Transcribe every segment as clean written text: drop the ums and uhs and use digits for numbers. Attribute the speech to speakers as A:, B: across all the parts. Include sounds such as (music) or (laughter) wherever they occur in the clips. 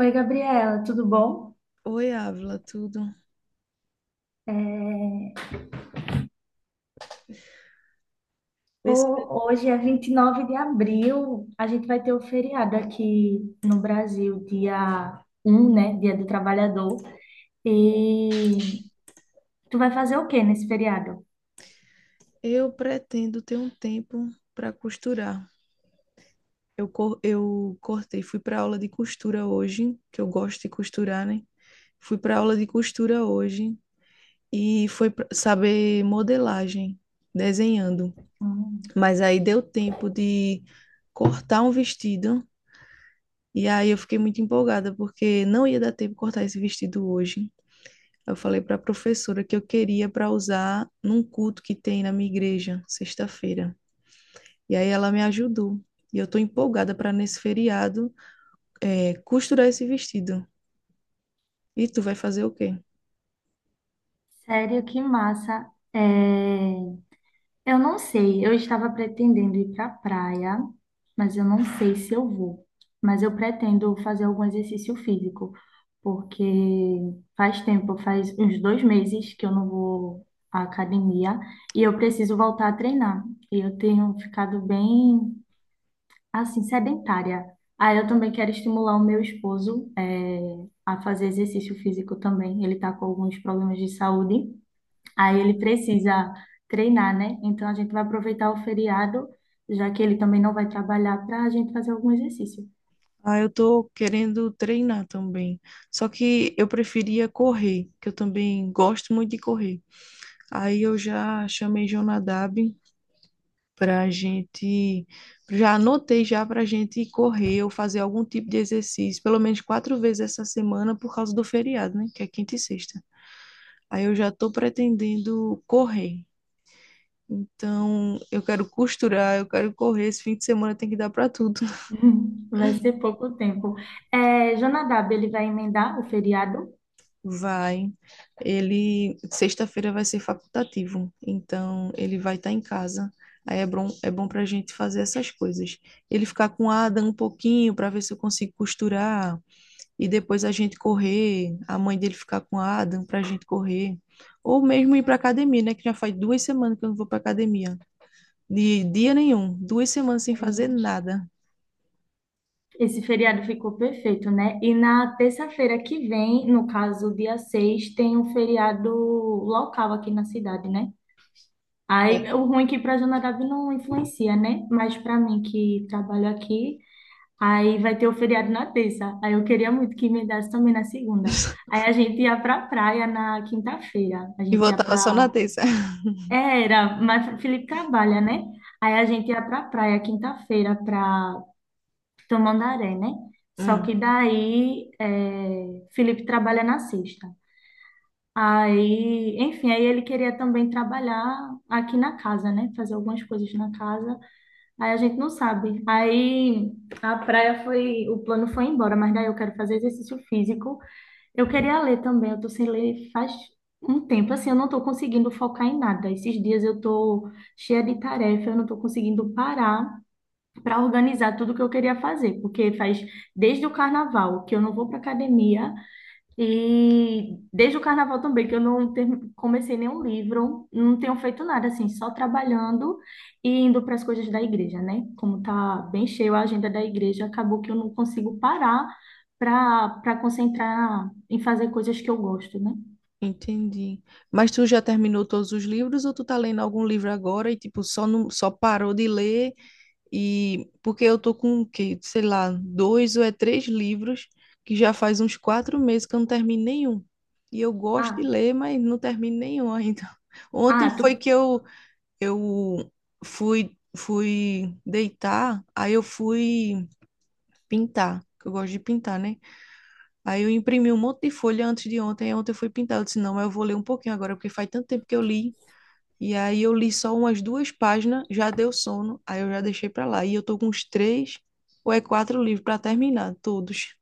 A: Oi, Gabriela, tudo bom?
B: Oi, Ávila, tudo?
A: É,
B: Esse-
A: Hoje é 29 de abril, a gente vai ter o feriado aqui no Brasil, dia 1, né? Dia do Trabalhador. E tu vai fazer o quê nesse feriado?
B: Eu pretendo ter um tempo para costurar. Eu cortei, fui para aula de costura hoje, que eu gosto de costurar, né? Fui para aula de costura hoje e foi pra saber modelagem, desenhando.
A: Hum,
B: Mas aí deu tempo de cortar um vestido e aí eu fiquei muito empolgada porque não ia dar tempo de cortar esse vestido hoje. Eu falei para a professora que eu queria para usar num culto que tem na minha igreja, sexta-feira. E aí ela me ajudou. E eu tô empolgada para nesse feriado costurar esse vestido. E tu vai fazer o quê?
A: sério, que massa. É, Eu não sei, eu estava pretendendo ir para a praia, mas eu não sei se eu vou. Mas eu pretendo fazer algum exercício físico, porque faz tempo, faz uns 2 meses que eu não vou à academia e eu preciso voltar a treinar. E eu tenho ficado bem, assim, sedentária. Aí eu também quero estimular o meu esposo, a fazer exercício físico também. Ele está com alguns problemas de saúde. Aí ele precisa treinar, né? Então a gente vai aproveitar o feriado, já que ele também não vai trabalhar, para a gente fazer algum exercício.
B: Ah, eu tô querendo treinar também. Só que eu preferia correr, que eu também gosto muito de correr. Aí eu já chamei Jonadab pra gente, já anotei já pra gente ir correr ou fazer algum tipo de exercício, pelo menos quatro vezes essa semana por causa do feriado, né? Que é quinta e sexta. Aí eu já tô pretendendo correr. Então, eu quero costurar, eu quero correr. Esse fim de semana tem que dar para tudo. (laughs)
A: (laughs) Vai ser pouco tempo. É, Jonadab, ele vai emendar o feriado.
B: Vai. Ele, sexta-feira vai ser facultativo, então ele vai estar em casa. Aí é bom para a gente fazer essas coisas. Ele ficar com a Ada um pouquinho para ver se eu consigo costurar e depois a gente correr. A mãe dele ficar com a Adam para a gente correr. Ou mesmo ir para academia, né? Que já faz duas semanas que eu não vou para academia. De dia nenhum, duas semanas sem fazer nada.
A: Esse feriado ficou perfeito, né? E na terça-feira que vem, no caso, dia 6, tem um feriado local aqui na cidade, né? Aí, o ruim é que para Jonadab não influencia, né? Mas para mim que trabalho aqui, aí vai ter o feriado na terça. Aí eu queria muito que me emendasse também na segunda.
B: (laughs)
A: Aí a gente ia pra praia na quinta-feira. A
B: E
A: gente ia
B: voltava só na
A: pra.
B: terça.
A: É, era, mas Felipe trabalha, né? Aí a gente ia pra praia quinta-feira pra Tamandaré, né? Só
B: Hum,
A: que daí é, Felipe trabalha na sexta. Aí, enfim, aí ele queria também trabalhar aqui na casa, né? Fazer algumas coisas na casa. Aí a gente não sabe. Aí a praia foi, o plano foi embora, mas daí eu quero fazer exercício físico. Eu queria ler também, eu tô sem ler faz um tempo, assim, eu não tô conseguindo focar em nada. Esses dias eu tô cheia de tarefa, eu não tô conseguindo parar para organizar tudo que eu queria fazer, porque faz desde o carnaval que eu não vou para academia. E desde o carnaval também, que eu não ter- comecei nenhum livro, não tenho feito nada, assim, só trabalhando e indo para as coisas da igreja, né? Como tá bem cheio a agenda da igreja, acabou que eu não consigo parar para concentrar em fazer coisas que eu gosto, né?
B: entendi. Mas tu já terminou todos os livros ou tu tá lendo algum livro agora e tipo só não, só parou de ler e porque eu tô com o quê? Sei lá, dois ou é três livros que já faz uns quatro meses que eu não termino nenhum. E eu gosto de
A: Ah,
B: ler, mas não termino nenhum ainda. (laughs) Ontem
A: ah,
B: foi
A: tu,
B: que eu eu fui deitar, aí eu fui pintar, que eu gosto de pintar, né? Aí eu imprimi um monte de folha antes de ontem. Aí ontem eu fui pintar. Eu disse, não, mas eu vou ler um pouquinho agora, porque faz tanto tempo que eu li. E aí eu li só umas duas páginas, já deu sono, aí eu já deixei pra lá. E eu tô com uns três ou é quatro livros pra terminar, todos.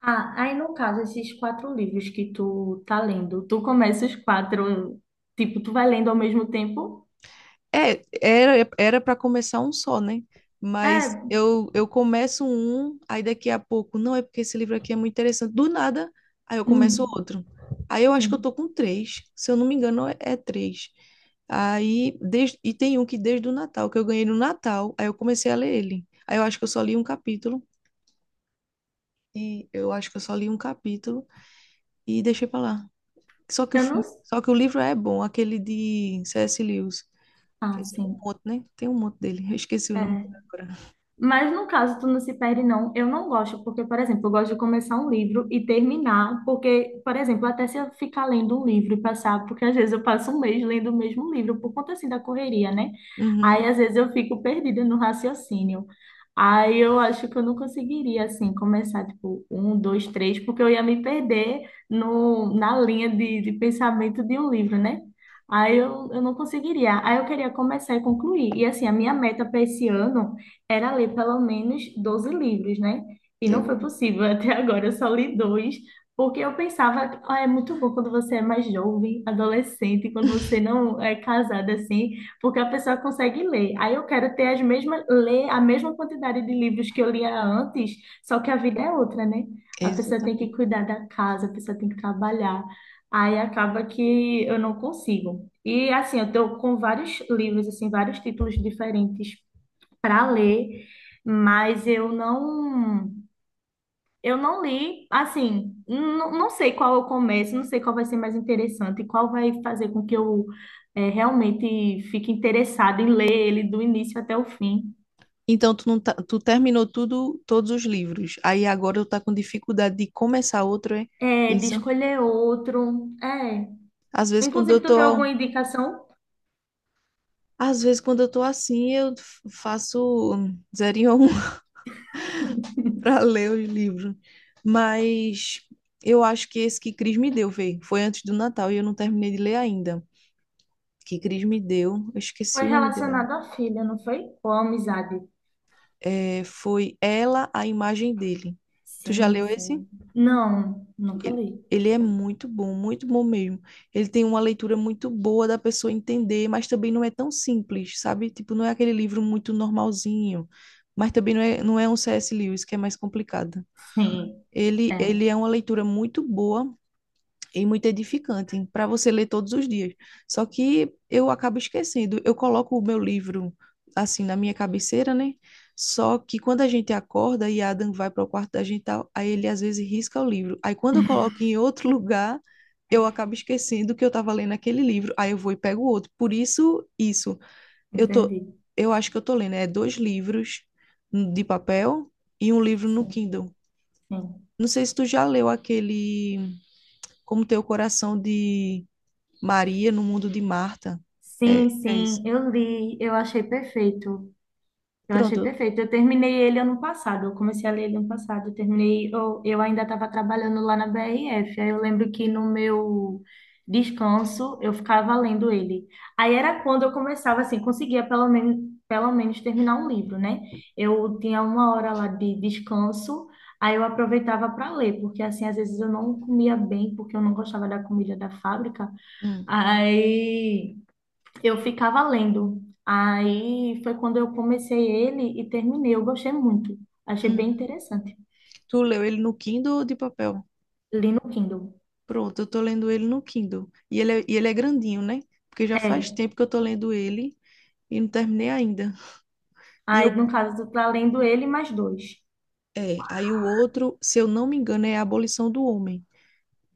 A: ah, aí no caso, esses quatro livros que tu tá lendo, tu começa os quatro, tipo, tu vai lendo ao mesmo tempo?
B: É, era para começar um só, né? Mas
A: É,
B: eu começo um, aí daqui a pouco, não é porque esse livro aqui é muito interessante. Do nada, aí eu começo
A: hum,
B: outro. Aí eu acho que eu
A: hum.
B: tô com três, se eu não me engano, é, é três. Aí desde, e tem um que desde o Natal, que eu ganhei no Natal, aí eu comecei a ler ele. Aí eu acho que eu só li um capítulo e eu acho que eu só li um capítulo e deixei pra lá.
A: Eu não.
B: Só que o livro é bom, aquele de C.S. Lewis. Quer
A: Ah,
B: dizer, um
A: sim.
B: monte, né? Tem um monte dele. Eu esqueci o nome dele agora.
A: Mas no caso, tu não se perde, não. Eu não gosto, porque, por exemplo, eu gosto de começar um livro e terminar, porque, por exemplo, até se eu ficar lendo um livro e passar, porque às vezes eu passo um mês lendo o mesmo livro, por conta assim da correria, né? Aí
B: Uhum,
A: às vezes eu fico perdida no raciocínio. Aí eu acho que eu não conseguiria, assim, começar, tipo, um, dois, três, porque eu ia me perder no, na linha de pensamento de um livro, né? Aí eu não conseguiria. Aí eu queria começar e concluir. E assim, a minha meta para esse ano era ler pelo menos 12 livros, né? E
B: deu.
A: não foi
B: Um.
A: possível (laughs) até agora, eu só li dois, porque eu pensava que ah, é muito bom quando você é mais jovem, adolescente, quando você não é casada assim, porque a pessoa consegue ler. Aí eu quero ter as mesmas, ler a mesma quantidade de livros que eu lia antes, só que a vida é outra, né? A pessoa tem que
B: Exatamente.
A: cuidar da casa, a pessoa tem que trabalhar. Aí acaba que eu não consigo. E assim, eu tô com vários livros, assim, vários títulos diferentes para ler, mas eu não li, assim, não, não sei qual eu começo, não sei qual vai ser mais interessante, qual vai fazer com que eu realmente fique interessada em ler ele do início até o fim.
B: Então, tu, não tá- tu terminou tudo, todos os livros. Aí agora eu tá com dificuldade de começar outro, é
A: É, de
B: isso?
A: escolher outro. É.
B: Às vezes quando eu
A: Inclusive, tu tem alguma
B: tô,
A: indicação?
B: às vezes quando eu tô assim, faço zerinho a um (laughs) para ler os livros. Mas eu acho que esse que Cris me deu, veio, foi antes do Natal e eu não terminei de ler ainda. Que Cris me deu, eu esqueci
A: Foi
B: o nome dele.
A: relacionado à filha, não foi? Ou à amizade?
B: É, foi Ela, a imagem dele. Tu já
A: Sim,
B: leu esse?
A: sim. Não, nunca
B: Ele,
A: li.
B: ele é muito bom mesmo. Ele tem uma leitura muito boa da pessoa entender, mas também não é tão simples, sabe? Tipo, não é aquele livro muito normalzinho, mas também não é um C.S. Lewis, que é mais complicado.
A: Sim, é,
B: Ele é uma leitura muito boa, e muito edificante para você ler todos os dias. Só que eu acabo esquecendo. Eu coloco o meu livro assim na minha cabeceira, né? Só que quando a gente acorda e Adam vai para o quarto da gente, tal, aí ele às vezes risca o livro. Aí quando eu coloco em outro (laughs) lugar, eu acabo esquecendo que eu estava lendo aquele livro. Aí eu vou e pego outro. Por isso, isso. Eu tô,
A: entendi.
B: eu acho que eu tô lendo, é dois livros de papel e um livro no
A: Sim,
B: Kindle.
A: sim.
B: Não sei se tu já leu aquele Como ter o Coração de Maria no mundo de Marta.
A: Sim,
B: É, é isso.
A: sim, eu li, eu achei perfeito. Eu achei
B: Pronto.
A: perfeito. Eu terminei ele ano passado, eu comecei a ler ele ano passado, eu terminei, eu ainda estava trabalhando lá na BRF. Aí eu lembro que no meu descanso eu ficava lendo ele. Aí era quando eu começava assim, conseguia pelo menos terminar um livro, né? Eu tinha uma hora lá de descanso, aí eu aproveitava para ler, porque assim, às vezes eu não comia bem, porque eu não gostava da comida da fábrica.
B: Hum.
A: Aí eu ficava lendo. Aí foi quando eu comecei ele e terminei. Eu gostei muito. Achei bem
B: Uhum.
A: interessante.
B: Tu leu ele no Kindle ou de papel?
A: Li no Kindle.
B: Pronto, eu tô lendo ele no Kindle. E ele é grandinho, né? Porque já faz
A: É.
B: tempo que eu tô lendo ele e não terminei ainda. E
A: Aí,
B: eu,
A: no caso, tu tá lendo ele mais dois.
B: é, aí o outro, se eu não me engano, é A Abolição do Homem,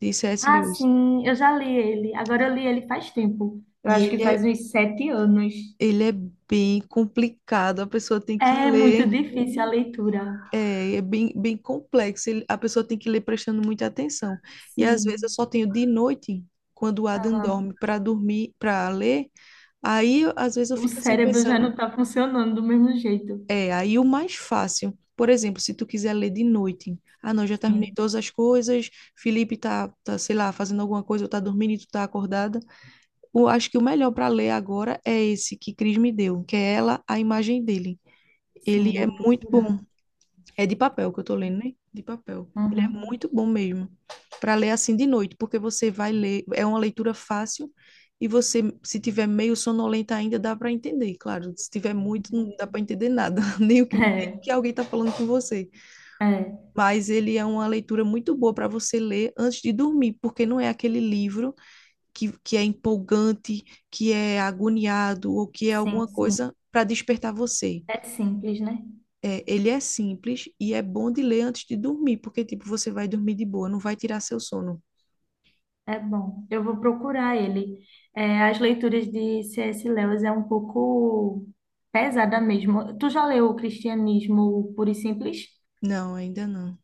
B: de C.S.
A: Ah,
B: Lewis.
A: sim, eu já li ele. Agora eu li ele faz tempo. Eu
B: E
A: acho que
B: ele
A: faz
B: é,
A: uns 7 anos.
B: ele é bem complicado, a pessoa tem que
A: É muito
B: ler.
A: difícil a leitura.
B: É, é bem, bem complexo. A pessoa tem que ler prestando muita atenção. E às vezes eu
A: Sim.
B: só tenho de noite, quando o Adam dorme, para dormir, para ler. Às vezes eu
A: O
B: fico assim
A: cérebro já
B: pensando,
A: não tá funcionando do mesmo jeito.
B: é, aí o mais fácil. Por exemplo, se tu quiser ler de noite, ah, não, já terminei
A: Sim,
B: todas as coisas, Felipe tá, sei lá, fazendo alguma coisa, ou tá dormindo e tu tá acordada. Eu acho que o melhor para ler agora é esse que Cris me deu, que é ela, a imagem dele.
A: sim,
B: Ele é
A: vou
B: muito
A: procurar.
B: bom. É de papel que eu tô lendo, né? De papel. Ele é
A: Uhum.
B: muito bom mesmo para ler assim de noite, porque você vai ler, é uma leitura fácil e você, se tiver meio sonolenta ainda, dá para entender, claro. Se tiver muito, não dá para entender nada, (laughs) nem o que, nem o que
A: É,
B: alguém tá falando com você.
A: é.
B: Mas ele é uma leitura muito boa para você ler antes de dormir, porque não é aquele livro que é empolgante, que é agoniado ou que é
A: Sim,
B: alguma
A: sim.
B: coisa para despertar você.
A: É simples, né?
B: É, ele é simples e é bom de ler antes de dormir, porque, tipo, você vai dormir de boa, não vai tirar seu sono.
A: É bom, eu vou procurar ele. É, as leituras de C.S. Lewis é um pouco pesada mesmo. Tu já leu o Cristianismo Puro e Simples?
B: Não, ainda não.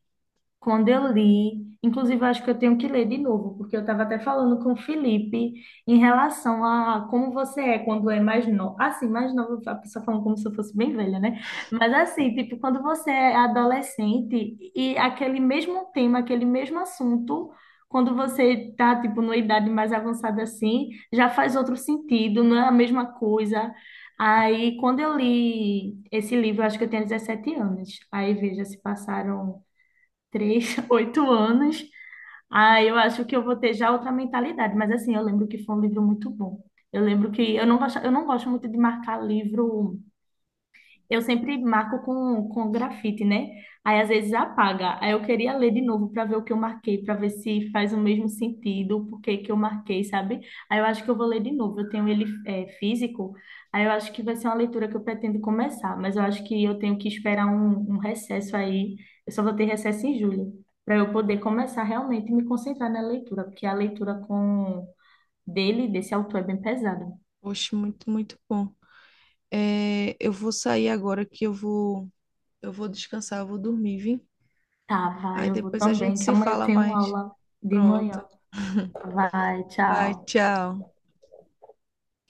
A: Quando eu li, inclusive eu acho que eu tenho que ler de novo, porque eu estava até falando com o Felipe em relação a como você é quando é mais novo. Assim, mais novo, a pessoa falando como se eu fosse bem velha, né? Mas assim, tipo, quando você é adolescente e aquele mesmo tema, aquele mesmo assunto, quando você tá, tipo, numa idade mais avançada assim, já faz outro sentido, não é a mesma coisa. Aí, quando eu li esse livro, eu acho que eu tinha 17 anos. Aí, veja, se passaram três, (laughs) 8 anos. Ah, eu acho que eu vou ter já outra mentalidade, mas assim, eu lembro que foi um livro muito bom. Eu lembro que eu não gosto muito de marcar livro. Eu sempre marco com grafite, né? Aí às vezes apaga. Aí eu queria ler de novo para ver o que eu marquei, para ver se faz o mesmo sentido, por que que eu marquei, sabe? Aí eu acho que eu vou ler de novo. Eu tenho ele físico, aí eu acho que vai ser uma leitura que eu pretendo começar, mas eu acho que eu tenho que esperar um recesso aí. Eu só vou ter recesso em julho, para eu poder começar realmente e me concentrar na leitura, porque a leitura com dele, desse autor, é bem pesada.
B: Poxa, muito, muito bom. É, eu vou descansar, eu vou dormir, viu?
A: Tá, vai,
B: Aí
A: eu vou
B: depois a gente
A: também, que
B: se
A: amanhã eu
B: fala
A: tenho
B: mais.
A: aula de manhã.
B: Pronto.
A: Vai,
B: Vai,
A: tchau.
B: tchau.